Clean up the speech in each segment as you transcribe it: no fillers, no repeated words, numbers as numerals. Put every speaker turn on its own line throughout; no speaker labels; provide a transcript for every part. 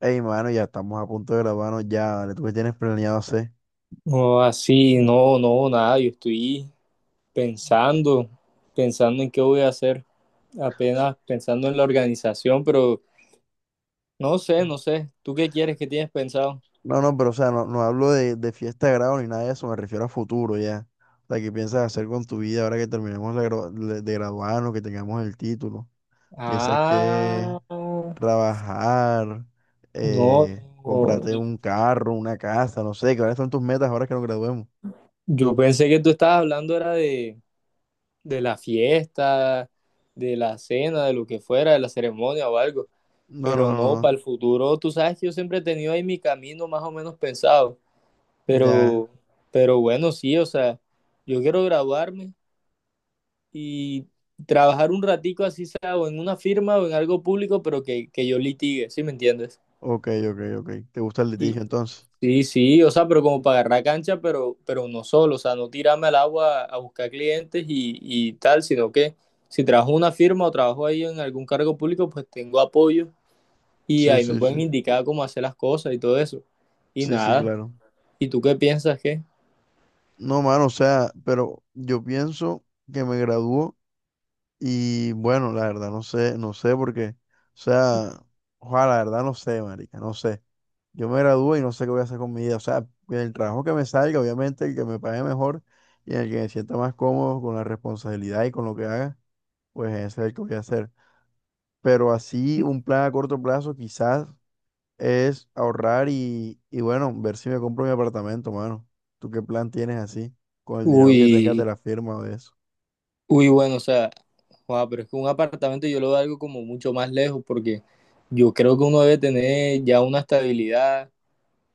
Ey, mano, ya estamos a punto de grabarnos ya, ¿vale? ¿Tú qué tienes planeado hacer?
No, así, no, no, nada, yo estoy pensando, pensando en qué voy a hacer, apenas pensando en la organización, pero no sé, no sé, ¿tú qué quieres, qué tienes pensado?
No, no, pero o sea, no, no hablo de fiesta de grado ni nada de eso, me refiero a futuro ya. O sea, ¿qué piensas hacer con tu vida ahora que terminemos de graduarnos, que tengamos el título? ¿Piensas que
Ah, no,
trabajar,
no,
comprarte un carro, una casa, no sé, cuáles son tus metas ahora que nos graduemos?
yo pensé que tú estabas hablando era de la fiesta, de la cena, de lo que fuera, de la ceremonia o algo,
No, no,
pero no,
no,
para el futuro, tú sabes que yo siempre he tenido ahí mi camino más o menos pensado.
no, ya,
Pero, pero bueno, sí, o sea, yo quiero graduarme y trabajar un ratico así sea o en una firma o en algo público, pero que yo litigue, ¿sí me entiendes?
ok, ok, ok. ¿Te gusta el
Y
litigio entonces?
sí, sí, o sea, pero como para agarrar cancha, pero uno solo, o sea, no tirarme al agua a buscar clientes y tal, sino que si trabajo en una firma o trabajo ahí en algún cargo público, pues tengo apoyo y
Sí,
ahí me
sí,
pueden
sí,
indicar cómo hacer las cosas y todo eso. Y
sí, sí,
nada,
claro.
¿y tú qué piensas? Que?
No, mano, o sea, pero yo pienso que me graduó y bueno, la verdad, no sé, no sé porque, o sea, ojalá, la verdad, no sé, marica, no sé. Yo me gradúo y no sé qué voy a hacer con mi vida, o sea, en el trabajo que me salga, obviamente, el que me pague mejor y el que me sienta más cómodo con la responsabilidad y con lo que haga, pues ese es el que voy a hacer. Pero así, un plan a corto plazo, quizás es ahorrar y bueno, ver si me compro mi apartamento, mano. ¿Tú qué plan tienes así? Con el dinero que tengas de
Uy,
la firma o de eso.
uy, bueno, o sea. Joda, pero es que un apartamento yo lo veo algo como mucho más lejos porque yo creo que uno debe tener ya una estabilidad.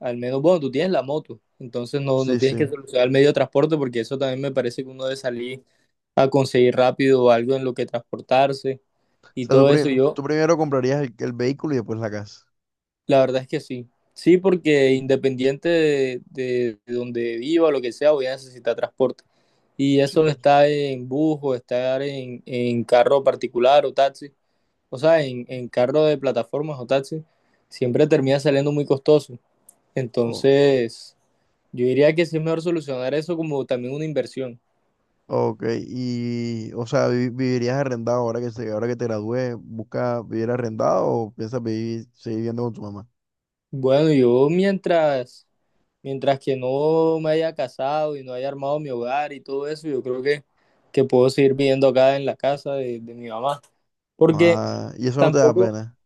Al menos, bueno, tú tienes la moto, entonces no, no
Sí,
tienes
sí.
que
O
solucionar el medio de transporte, porque eso también me parece que uno debe salir a conseguir rápido algo en lo que transportarse y
sea,
todo eso. Yo,
tú primero comprarías el vehículo y después la casa.
la verdad es que sí. Sí, porque independiente de donde viva, lo que sea, voy a necesitar transporte. Y
Sí.
eso está en bus o estar en, carro particular o taxi. O sea, en carro de plataformas o taxis siempre termina saliendo muy costoso.
Oh,
Entonces, yo diría que sí es mejor solucionar eso como también una inversión.
ok. Y, o sea, ¿vivirías arrendado ahora ahora que te gradúes? ¿Buscas vivir arrendado o piensas vivir, seguir viviendo con tu mamá?
Bueno, yo mientras que no me haya casado y no haya armado mi hogar y todo eso, yo creo que puedo seguir viviendo acá en la casa de mi mamá. Porque
Ah, y eso no te da
tampoco,
pena.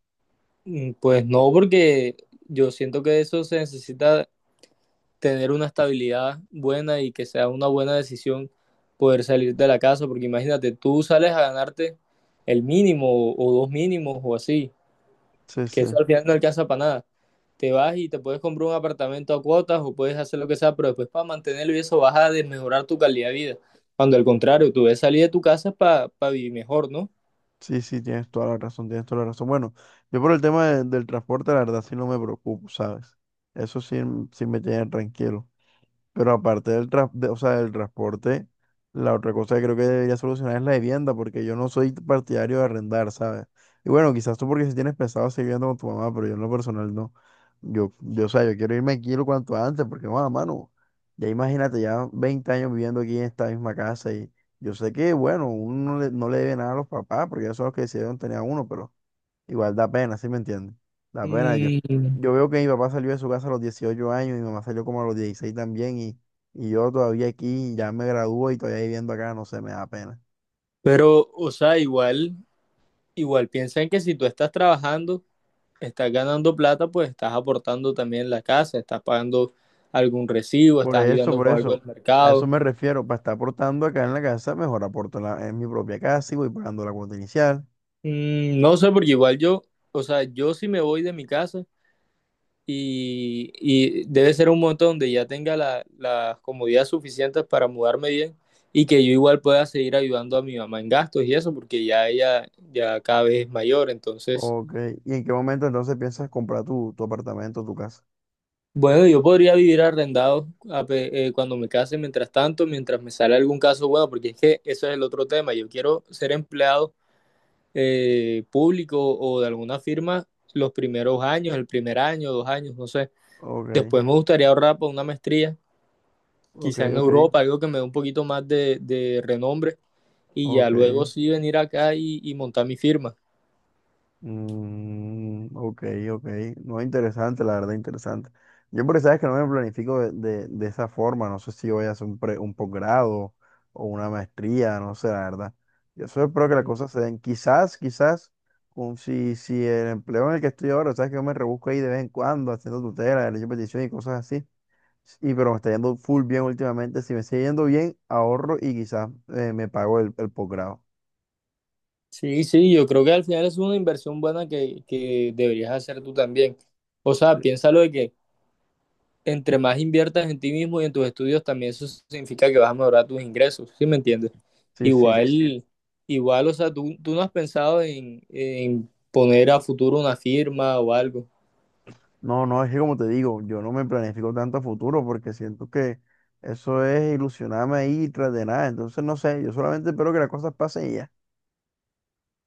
mm, pues no, porque yo siento que eso se necesita, tener una estabilidad buena y que sea una buena decisión poder salir de la casa, porque imagínate, tú sales a ganarte el mínimo o dos mínimos o así,
Sí,
que eso
sí.
al final no alcanza para nada. Te vas y te puedes comprar un apartamento a cuotas o puedes hacer lo que sea, pero después para mantenerlo y eso vas a desmejorar tu calidad de vida. Cuando al contrario, tú debes salir de tu casa para vivir mejor, ¿no?
Sí, sí, tienes toda la razón, tienes toda la razón. Bueno, yo por el tema del transporte, la verdad sí no me preocupo, ¿sabes? Eso sí, sí me tiene tranquilo. Pero aparte o sea, del transporte, la otra cosa que creo que debería solucionar es la vivienda, porque yo no soy partidario de arrendar, ¿sabes? Y bueno, quizás tú porque si tienes pensado seguir viviendo con tu mamá, pero yo en lo personal no. O sea, yo quiero irme aquí lo cuanto antes, porque, bueno, mano, ya imagínate, ya 20 años viviendo aquí en esta misma casa y yo sé que, bueno, uno no le debe nada a los papás, porque ellos son los que decidieron tener a uno, pero igual da pena, ¿sí me entiendes? Da pena. Yo,
Mm,
yo veo que mi papá salió de su casa a los 18 años, mi mamá salió como a los 16 también y yo todavía aquí, ya me gradúo y todavía viviendo acá, no sé, me da pena.
pero, o sea, igual, igual piensa en que si tú estás trabajando, estás ganando plata, pues estás aportando también en la casa, estás pagando algún recibo, estás ayudando
Por
con algo
eso,
del
a eso
mercado.
me refiero, para estar aportando acá en la casa, mejor aporto en mi propia casa y voy pagando la cuota inicial.
Mm, no sé, porque igual yo, o sea, yo si me voy de mi casa y debe ser un momento donde ya tenga las comodidades suficientes para mudarme bien y que yo igual pueda seguir ayudando a mi mamá en gastos y eso, porque ya ella ya cada vez es mayor, entonces...
Ok, ¿y en qué momento entonces piensas comprar tu apartamento, tu casa?
Bueno, yo podría vivir arrendado cuando me case, mientras tanto, mientras me sale algún caso bueno, porque es que eso es el otro tema. Yo quiero ser empleado, público o de alguna firma los primeros años, el primer año, 2 años, no sé.
Ok,
Después me gustaría ahorrar para una maestría,
ok,
quizá en
ok,
Europa, algo que me dé un poquito más de renombre, y ya
ok.
luego sí venir acá y montar mi firma.
Mm, ok, ok. No, interesante, la verdad, interesante. Yo, pero sabes que no me planifico de esa forma. No sé si voy a hacer un posgrado o una maestría, no sé, la verdad. Yo solo espero que las
Ujú.
cosas se den. Quizás, quizás, si el empleo en el que estoy ahora, sabes que yo me rebusco ahí de vez en cuando haciendo tutela, derecho de petición y cosas así. Y pero me está yendo full bien últimamente. Si me sigue yendo bien, ahorro y quizás me pago el posgrado.
Sí, sí, yo creo que al final es una inversión buena que deberías hacer tú también. O sea, piénsalo, de que entre más inviertas en ti mismo y en tus estudios, también eso significa que vas a mejorar tus ingresos, ¿sí me entiendes? Sí, sí.
Sí, sí,
Igual, igual, o sea, tú no has pensado en, poner a futuro una firma o algo.
no, no, es que como te digo, yo no me planifico tanto a futuro porque siento que eso es ilusionarme ahí tras de nada. Entonces, no sé, yo solamente espero que las cosas pasen y ya.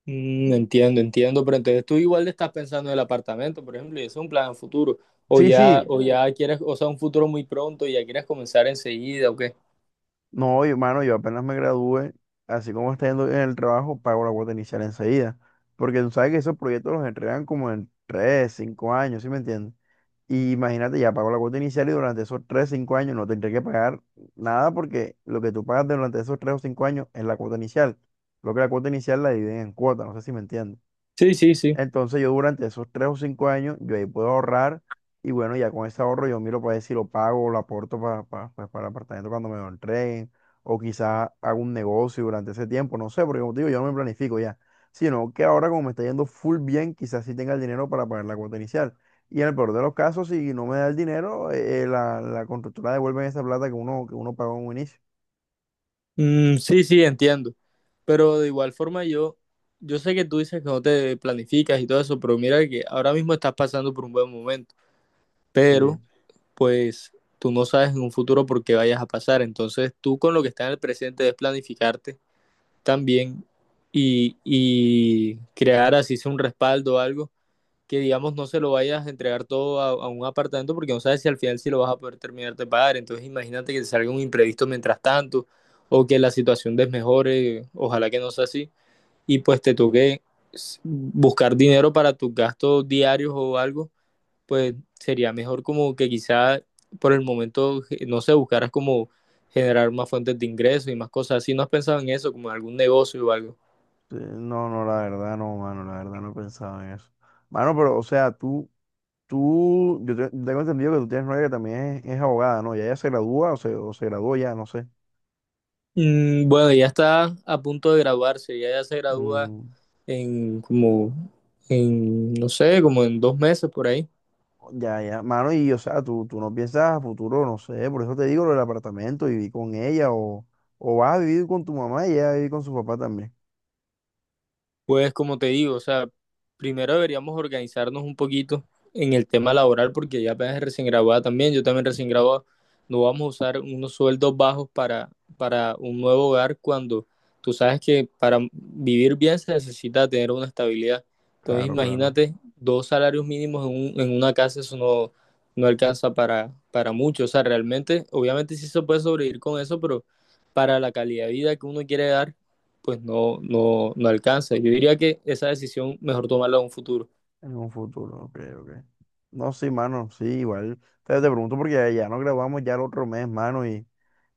Mm, entiendo, entiendo, pero entonces tú igual le estás pensando en el apartamento, por ejemplo, y eso es un plan a futuro. O
Sí, sí,
ya, sí, o sí, ya quieres, o sea, un futuro muy pronto y ya quieres comenzar enseguida, ¿o qué?
no, yo, mano, yo apenas me gradué, así como está yendo en el trabajo, pago la cuota inicial enseguida. Porque tú sabes que esos proyectos los entregan como en 3-5 años, ¿sí me entiendes? Y imagínate, ya pago la cuota inicial y durante esos 3-5 años no tendré que pagar nada porque lo que tú pagas durante esos 3 o 5 años es la cuota inicial. Lo que la cuota inicial la dividen en cuotas, no sé si me entiendes.
Sí, sí, sí.
Entonces yo durante esos 3 o 5 años, yo ahí puedo ahorrar y bueno, ya con ese ahorro yo miro para ver si lo pago, lo aporto pues, para el apartamento cuando me lo entreguen o quizás hago un negocio durante ese tiempo, no sé, porque como te digo, yo no me planifico ya, sino que ahora como me está yendo full bien, quizás sí tenga el dinero para pagar la cuota inicial. Y en el peor de los casos, si no me da el dinero, la, la constructora devuelve esa plata que uno pagó en un inicio.
Mm, sí, sí, entiendo. Pero de igual forma yo, yo sé que tú dices que no te planificas y todo eso, pero mira que ahora mismo estás pasando por un buen momento,
Sí,
pero pues tú no sabes en un futuro por qué vayas a pasar. Entonces tú, con lo que está en el presente, es planificarte también y crear así sea un respaldo o algo, que digamos no se lo vayas a entregar todo a un apartamento, porque no sabes si al final si lo vas a poder terminar de pagar. Entonces imagínate que te salga un imprevisto mientras tanto o que la situación desmejore, ojalá que no sea así, y pues te toque buscar dinero para tus gastos diarios o algo, pues sería mejor como que quizá por el momento, no sé, buscaras como generar más fuentes de ingresos y más cosas así. ¿No has pensado en eso, como en algún negocio o algo?
sí, no, no, la verdad no, mano, la verdad no he pensado en eso. Mano, pero, o sea, tú, tengo entendido que tú tienes novia que también es abogada, ¿no? Ya ella se gradúa o se graduó ya, no sé.
Mm, bueno, ya está a punto de graduarse, ella ya se gradúa
Mm,
en como, en, no sé, como en 2 meses por ahí.
ya, ya, mano, y o sea, tú no piensas a futuro, no sé, por eso te digo lo del apartamento, vivir con ella o vas a vivir con tu mamá y ella va a vivir con su papá también.
Pues como te digo, o sea, primero deberíamos organizarnos un poquito en el tema laboral, porque ya apenas es recién graduada también, yo también recién graduado, no vamos a usar unos sueldos bajos para, un nuevo hogar, cuando tú sabes que para vivir bien se necesita tener una estabilidad. Entonces
Claro, claro,
imagínate dos salarios mínimos en, en una casa, eso no, no alcanza para mucho. O sea, realmente, obviamente sí se puede sobrevivir con eso, pero para la calidad de vida que uno quiere dar pues no, no, no alcanza. Yo diría que esa decisión mejor tomarla en un futuro.
en un futuro, ok, ok. No, sí, mano, sí, igual. Te pregunto porque ya nos grabamos ya el otro mes, mano, y,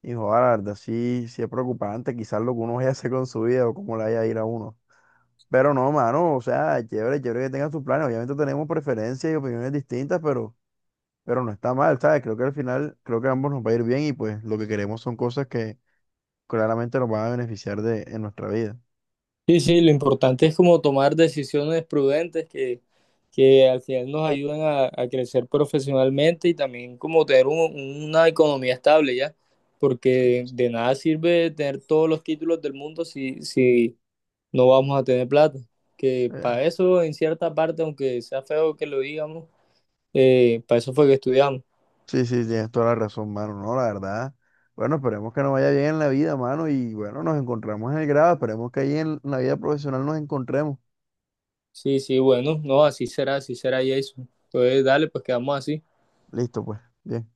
y joder, la verdad, sí es preocupante quizás lo que uno vaya a hacer con su vida o cómo la vaya a ir a uno. Pero no, mano, o sea, chévere, chévere que tengan sus planes. Obviamente tenemos preferencias y opiniones distintas, pero, no está mal, ¿sabes? Creo que al final, creo que a ambos nos va a ir bien y pues lo que queremos son cosas que claramente nos van a beneficiar de, en nuestra vida.
Sí, sí, lo importante es como tomar decisiones prudentes que, al final nos ayuden a crecer profesionalmente, y también como tener una economía estable ya, porque de nada sirve tener todos los títulos del mundo si, si no vamos a tener plata. Que
Eh,
para eso, en cierta parte, aunque sea feo que lo digamos, para eso fue que estudiamos.
sí, sí, tienes toda la razón, mano, no, la verdad. Bueno, esperemos que nos vaya bien en la vida, mano, y bueno, nos encontramos en el grado, esperemos que ahí en la vida profesional nos encontremos.
Sí, sí, bueno, no, así será, Jason. Entonces, dale, pues quedamos así.
Listo, pues, bien.